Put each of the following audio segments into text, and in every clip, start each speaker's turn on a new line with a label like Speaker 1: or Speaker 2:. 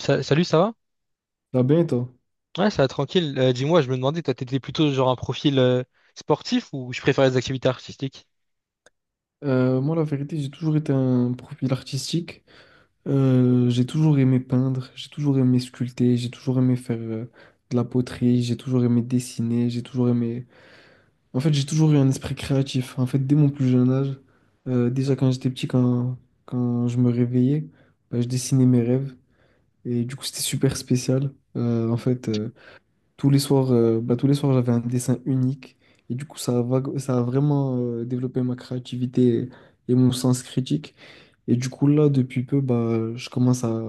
Speaker 1: Salut, ça va?
Speaker 2: Ah ben, et toi?
Speaker 1: Ouais, ça va tranquille. Dis-moi, je me demandais, toi, t'étais plutôt genre un profil sportif ou je préférais les activités artistiques?
Speaker 2: Moi, la vérité, j'ai toujours été un profil artistique. J'ai toujours aimé peindre, j'ai toujours aimé sculpter, j'ai toujours aimé faire de la poterie, j'ai toujours aimé dessiner, j'ai toujours aimé. En fait, j'ai toujours eu un esprit créatif. En fait, dès mon plus jeune âge, déjà quand j'étais petit, quand je me réveillais, bah, je dessinais mes rêves. Et du coup, c'était super spécial. En fait, tous les soirs, bah, j'avais un dessin unique. Et du coup, ça a vraiment développé ma créativité et mon sens critique. Et du coup, là, depuis peu, bah,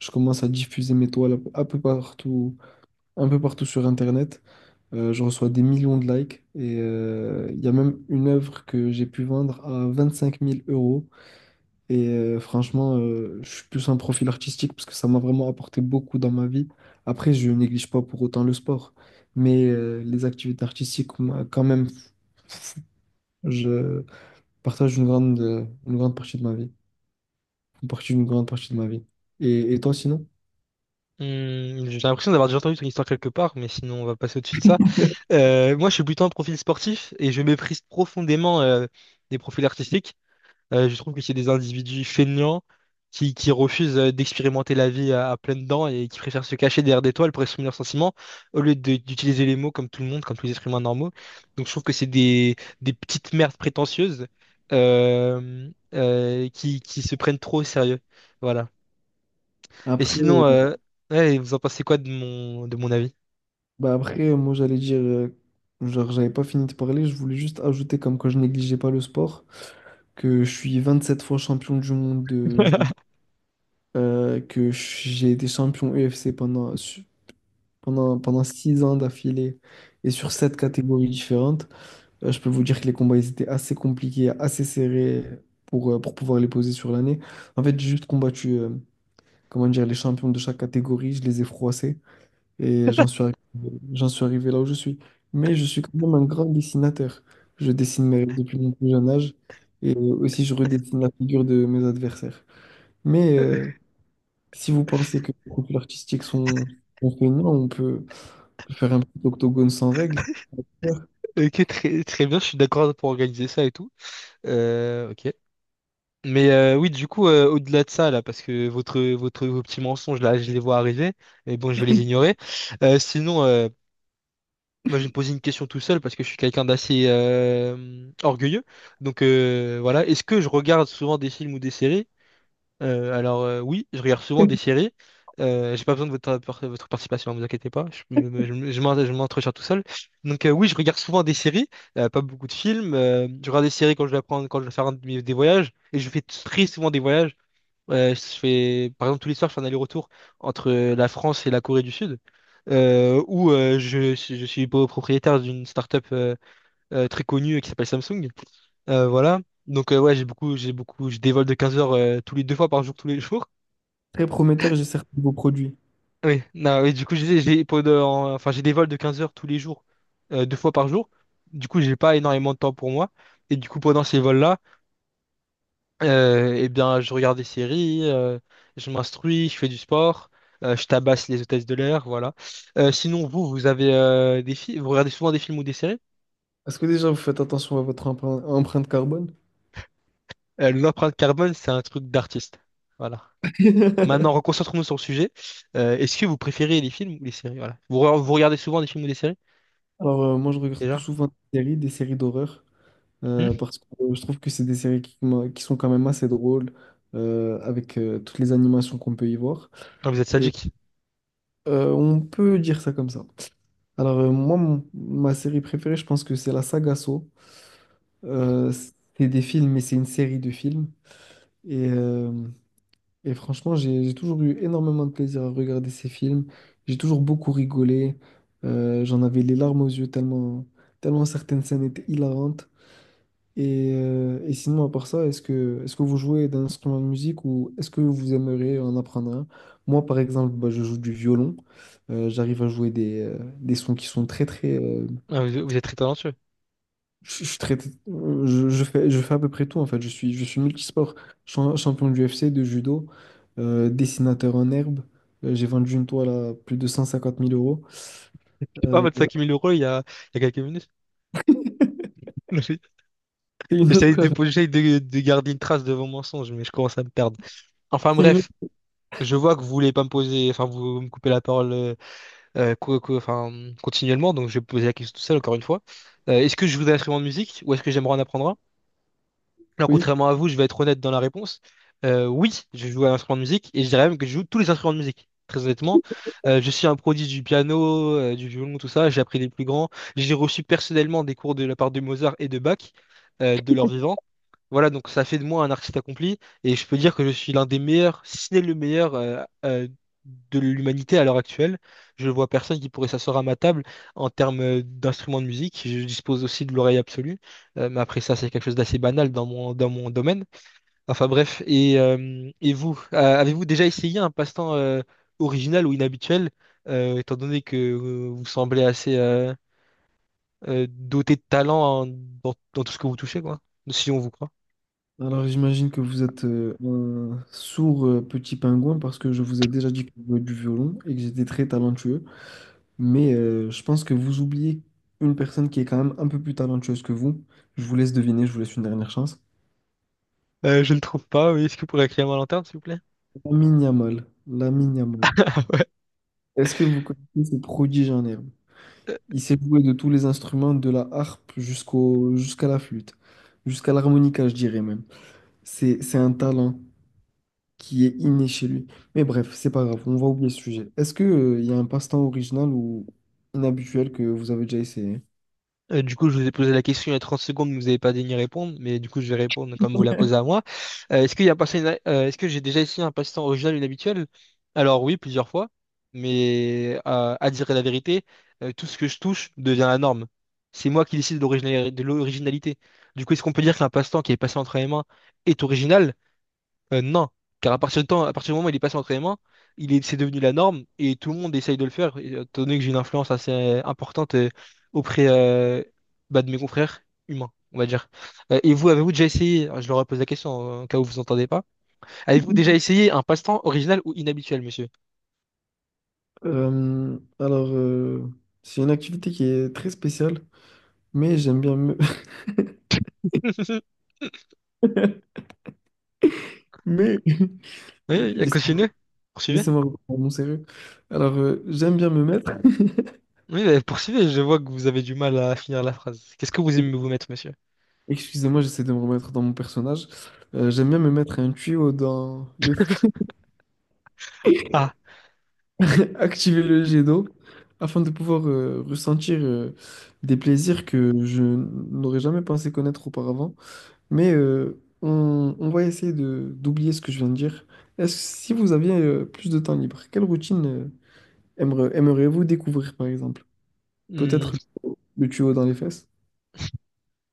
Speaker 2: je commence à diffuser mes toiles un peu partout sur Internet. Je reçois des millions de likes. Il y a même une œuvre que j'ai pu vendre à 25 000 euros. Franchement, je suis plus un profil artistique parce que ça m'a vraiment apporté beaucoup dans ma vie. Après, je néglige pas pour autant le sport, mais les activités artistiques, moi, quand même, je partage une grande partie de ma vie. Une grande partie de ma vie. Et toi, sinon?
Speaker 1: Hmm, j'ai l'impression d'avoir déjà entendu ton histoire quelque part, mais sinon on va passer au-dessus de ça. Moi, je suis plutôt un profil sportif et je méprise profondément les profils artistiques. Je trouve que c'est des individus feignants qui refusent d'expérimenter la vie à pleines dents et qui préfèrent se cacher derrière des toiles pour exprimer leurs sentiments au lieu d'utiliser les mots comme tout le monde, comme tous les êtres humains normaux. Donc je trouve que des petites merdes prétentieuses qui se prennent trop au sérieux. Voilà. Et
Speaker 2: Après, euh,
Speaker 1: sinon, ouais, vous en pensez quoi de de mon avis?
Speaker 2: après moi, j'allais dire, genre, j'avais pas fini de parler, je voulais juste ajouter, comme quand je négligeais pas le sport, que je suis 27 fois champion du monde de judo, que j'ai été champion UFC pendant 6 ans d'affilée et sur sept catégories différentes, je peux vous dire que les combats ils étaient assez compliqués, assez serrés pour pouvoir les poser sur l'année. En fait, j'ai juste combattu comment dire, les champions de chaque catégorie, je les ai froissés et j'en suis arrivé là où je suis. Mais je suis quand même un grand dessinateur. Je dessine mes rêves depuis mon plus jeune âge et aussi je redessine la figure de mes adversaires. Mais si vous pensez que les couples artistiques sont feignants, on peut faire un petit octogone sans règles. Ouais.
Speaker 1: Ok, très bien, je suis d'accord pour organiser ça et tout. Ok. Mais oui, du coup, au-delà de ça, là, parce que vos petits mensonges, là, je les vois arriver, mais bon, je vais les ignorer. Euh, sinon, euh, Moi, je vais me poser une question tout seul, parce que je suis quelqu'un d'assez orgueilleux. Donc, voilà, est-ce que je regarde souvent des films ou des séries? Oui, je regarde souvent des séries. J'ai pas besoin de votre participation, ne vous inquiétez pas, je m'entretiens tout seul. Donc, oui, je regarde souvent des séries, pas beaucoup de films. Je regarde des séries quand je quand je dois faire un des voyages, et je fais très souvent des voyages. Ouais, je fais, par exemple, tous les soirs, je fais un aller-retour entre la France et la Corée du Sud, je suis propriétaire d'une start-up très connue qui s'appelle Samsung. Voilà. Donc, ouais, j'ai beaucoup, je dévole de 15 heures tous les deux fois par jour, tous les jours.
Speaker 2: Très prometteur, j'ai certains de vos produits.
Speaker 1: Oui, non, oui, du coup, je disais, enfin, j'ai des vols de 15 heures tous les jours, deux fois par jour. Du coup, j'ai pas énormément de temps pour moi. Et du coup, pendant ces vols-là, eh bien, je regarde des séries, je m'instruis, je fais du sport, je tabasse les hôtesses de l'air, voilà. Sinon, vous avez vous regardez souvent des films ou des séries?
Speaker 2: Est-ce que déjà vous faites attention à votre empreinte carbone?
Speaker 1: L'empreinte carbone, c'est un truc d'artiste. Voilà. Maintenant, reconcentrons-nous sur le sujet. Est-ce que vous préférez les films ou les séries? Voilà. Vous regardez souvent des films ou des séries,
Speaker 2: Moi, je regarde plus
Speaker 1: déjà?
Speaker 2: souvent des séries d'horreur,
Speaker 1: Hmm.
Speaker 2: parce que je trouve que c'est des séries qui sont quand même assez drôles, avec toutes les animations qu'on peut y voir.
Speaker 1: Ah, vous êtes
Speaker 2: Et
Speaker 1: sadique.
Speaker 2: on peut dire ça comme ça. Moi, ma série préférée, je pense que c'est la saga Saw. Euh, c'est des films, mais c'est une série de films. Et, euh, et franchement, j'ai toujours eu énormément de plaisir à regarder ces films. J'ai toujours beaucoup rigolé. J'en avais les larmes aux yeux tellement, tellement certaines scènes étaient hilarantes. Et sinon, à part ça, est-ce que vous jouez d'un instrument de musique ou est-ce que vous aimeriez en apprendre un? Moi, par exemple, bah, je joue du violon. J'arrive à jouer des sons qui sont très, très.
Speaker 1: Ah, vous êtes très talentueux. Je
Speaker 2: Je traite- je fais à peu près tout en fait. Je suis multisport, champion du UFC, de judo, dessinateur en herbe. J'ai vendu une toile à plus de 150 000 euros.
Speaker 1: sais pas, votre
Speaker 2: Euh,
Speaker 1: 5000 € il y a quelques minutes.
Speaker 2: c'est une autre,
Speaker 1: J'essaie de garder une trace de vos mensonges, mais je commence à me perdre. Enfin
Speaker 2: c'est une
Speaker 1: bref,
Speaker 2: autre-
Speaker 1: je vois que vous voulez pas me poser, enfin vous me coupez la parole enfin, continuellement, donc je vais poser la question tout seul encore une fois. Est-ce que je joue d'un instrument de musique ou est-ce que j'aimerais en apprendre un? Alors,
Speaker 2: oui.
Speaker 1: contrairement à vous, je vais être honnête dans la réponse. Oui, je joue à un instrument de musique et je dirais même que je joue tous les instruments de musique. Très honnêtement, je suis un prodige du piano, du violon, tout ça. J'ai appris les plus grands. J'ai reçu personnellement des cours de la part de Mozart et de Bach, de leur vivant. Voilà, donc ça fait de moi un artiste accompli et je peux dire que je suis l'un des meilleurs, si ce n'est le meilleur, de l'humanité à l'heure actuelle. Je vois personne qui pourrait s'asseoir à ma table en termes d'instruments de musique. Je dispose aussi de l'oreille absolue. Mais après ça, c'est quelque chose d'assez banal dans dans mon domaine. Enfin bref, et vous, avez-vous déjà essayé un passe-temps original ou inhabituel, étant donné que vous semblez assez doté de talent dans tout ce que vous touchez, quoi, si on vous croit.
Speaker 2: Alors j'imagine que vous êtes un sourd petit pingouin parce que je vous ai déjà dit que je jouais du violon et que j'étais très talentueux. Mais je pense que vous oubliez une personne qui est quand même un peu plus talentueuse que vous. Je vous laisse deviner, je vous laisse une dernière chance.
Speaker 1: Je ne trouve pas, oui. Est-ce que vous pourriez créer ma lanterne, s'il vous plaît?
Speaker 2: Lamine Yamal. Lamine Yamal. Est-ce que vous connaissez ce prodige en herbe? Il s'est joué de tous les instruments, de la harpe jusqu'à la flûte, jusqu'à l'harmonica, je dirais même. C'est un talent qui est inné chez lui. Mais bref, c'est pas grave, on va oublier ce sujet. Est-ce que, il y a un passe-temps original ou inhabituel que vous avez déjà essayé?
Speaker 1: Du coup, je vous ai posé la question il y a 30 secondes, mais vous n'avez pas daigné répondre, mais du coup, je vais répondre comme vous la posez à moi. Est-ce que j'ai déjà essayé un passe-temps original ou inhabituel? Alors oui, plusieurs fois, mais à dire la vérité, tout ce que je touche devient la norme. C'est moi qui décide de de l'originalité. Du coup, est-ce qu'on peut dire qu'un passe-temps qui est passé entre mes mains est original? Non, car à partir du moment où il est passé en entraînement, c'est devenu la norme et tout le monde essaye de le faire. Étant donné que j'ai une influence assez importante auprès bah, de mes confrères humains, on va dire. Et vous, alors, je leur pose la question en cas où vous entendez pas, avez-vous déjà essayé un passe-temps original ou inhabituel, monsieur?
Speaker 2: Euh, alors, euh, c'est une activité qui est très spéciale, mais j'aime bien me. Mais,
Speaker 1: Oui, il a.
Speaker 2: laisse-
Speaker 1: Poursuivez.
Speaker 2: Laissez-moi reprendre mon sérieux. J'aime bien me mettre.
Speaker 1: Oui, bah, poursuivez, je vois que vous avez du mal à finir la phrase. Qu'est-ce que vous aimez vous mettre, monsieur?
Speaker 2: Excusez-moi, j'essaie de me remettre dans mon personnage. J'aime bien me mettre un tuyau dans les.
Speaker 1: Ah.
Speaker 2: Activer le jet d'eau afin de pouvoir ressentir des plaisirs que je n'aurais jamais pensé connaître auparavant. On va essayer de d'oublier ce que je viens de dire. Est-ce si vous aviez plus de temps libre, quelle routine aimeriez-vous découvrir par exemple? Peut-être le tuyau dans les fesses?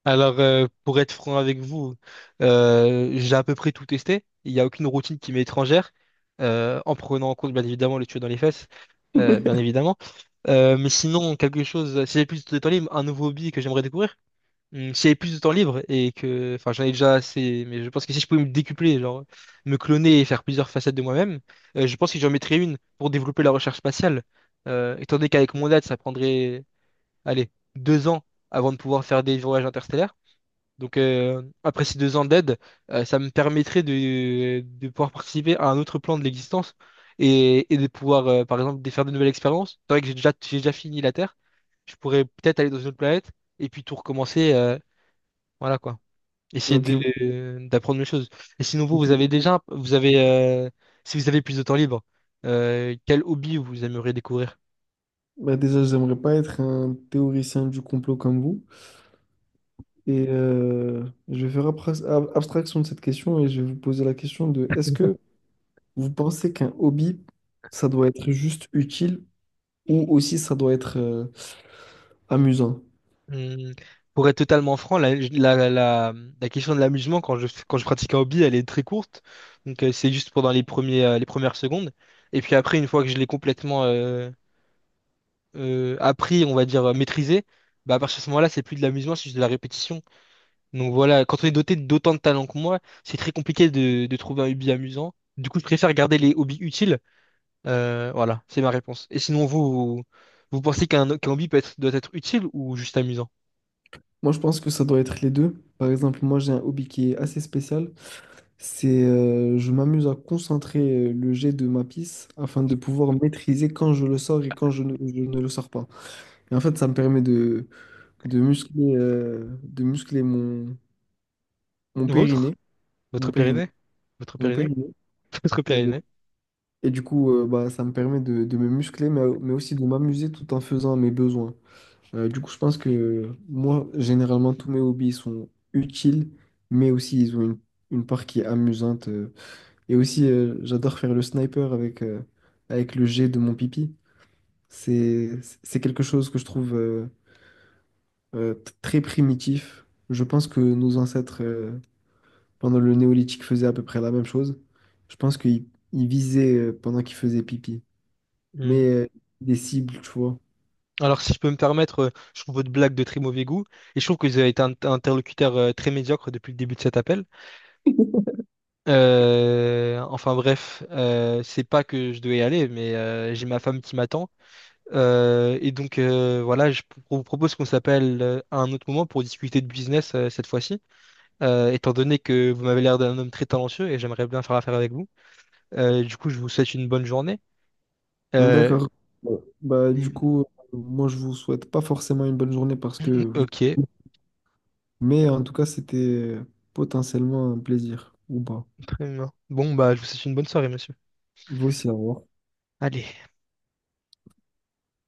Speaker 1: Alors, pour être franc avec vous, j'ai à peu près tout testé. Il n'y a aucune routine qui m'est étrangère, en prenant en compte, bien évidemment, le tuyau dans les fesses, bien évidemment. Mais sinon, quelque chose, si j'ai plus de temps libre, un nouveau hobby que j'aimerais découvrir. Si j'avais plus de temps libre et que, enfin, j'en ai déjà assez, mais je pense que si je pouvais me décupler, genre, me cloner et faire plusieurs facettes de moi-même, je pense que j'en mettrais une pour développer la recherche spatiale. Étant donné qu'avec mon date, ça prendrait, allez, deux ans avant de pouvoir faire des voyages interstellaires. Donc après ces deux ans d'aide, ça me permettrait de pouvoir participer à un autre plan de l'existence et de pouvoir, par exemple, de faire de nouvelles expériences. C'est vrai que j'ai déjà fini la Terre. Je pourrais peut-être aller dans une autre planète et puis tout recommencer. Voilà quoi. Essayer
Speaker 2: Ok.
Speaker 1: d'apprendre les choses. Et sinon, vous, vous
Speaker 2: Ok.
Speaker 1: avez déjà, vous avez, si vous avez plus de temps libre, quel hobby vous aimeriez découvrir?
Speaker 2: Bah déjà, j'aimerais pas être un théoricien du complot comme vous. Et je vais faire abstraction de cette question et je vais vous poser la question de est-ce que vous pensez qu'un hobby, ça doit être juste utile ou aussi ça doit être amusant?
Speaker 1: Hum, Pour être totalement franc, la question de l'amusement quand quand je pratique un hobby, elle est très courte. Donc c'est juste pendant les premiers, les premières secondes. Et puis après, une fois que je l'ai complètement appris, on va dire maîtrisé, bah à partir de ce moment-là, c'est plus de l'amusement, c'est juste de la répétition. Donc voilà, quand on est doté d'autant de talent que moi, c'est très compliqué de trouver un hobby amusant. Du coup, je préfère garder les hobbies utiles. Voilà, c'est ma réponse. Et sinon, vous pensez qu'un hobby doit être utile ou juste amusant?
Speaker 2: Moi, je pense que ça doit être les deux. Par exemple, moi, j'ai un hobby qui est assez spécial. C'est je m'amuse à concentrer le jet de ma pisse afin de pouvoir maîtriser quand je le sors et quand je ne le sors pas. Et en fait, ça me permet de muscler mon
Speaker 1: Votre?
Speaker 2: périnée. Mon
Speaker 1: Votre
Speaker 2: périnée.
Speaker 1: Pyrénées? Votre
Speaker 2: Mon
Speaker 1: Pyrénées?
Speaker 2: périnée.
Speaker 1: Votre Pyrénées?
Speaker 2: Et du coup, bah, ça me permet de me muscler, mais aussi de m'amuser tout en faisant mes besoins. Du coup, je pense que moi, généralement, tous mes hobbies sont utiles, mais aussi ils ont une part qui est amusante. Et aussi, j'adore faire le sniper avec le jet de mon pipi. C'est quelque chose que je trouve très primitif. Je pense que nos ancêtres, pendant le néolithique, faisaient à peu près la même chose. Je pense qu'ils ils visaient pendant qu'ils faisaient pipi.
Speaker 1: Hmm.
Speaker 2: Mais des cibles, tu vois.
Speaker 1: Alors, si je peux me permettre, je trouve votre blague de très mauvais goût et je trouve que vous avez été un interlocuteur très médiocre depuis le début de cet appel. Enfin bref, c'est pas que je devais y aller, mais j'ai ma femme qui m'attend. Voilà, vous propose qu'on s'appelle à un autre moment pour discuter de business cette fois-ci. Étant donné que vous m'avez l'air d'un homme très talentueux et j'aimerais bien faire affaire avec vous. Du coup, je vous souhaite une bonne journée. Euh,
Speaker 2: D'accord. Ouais. Bah, du coup, moi, je vous souhaite pas forcément une bonne journée parce que.
Speaker 1: ok,
Speaker 2: Mais en tout cas, c'était euh, potentiellement un plaisir, ou pas.
Speaker 1: très bien. Bon, bah, je vous souhaite une bonne soirée, monsieur.
Speaker 2: Vous aussi, au revoir.
Speaker 1: Allez.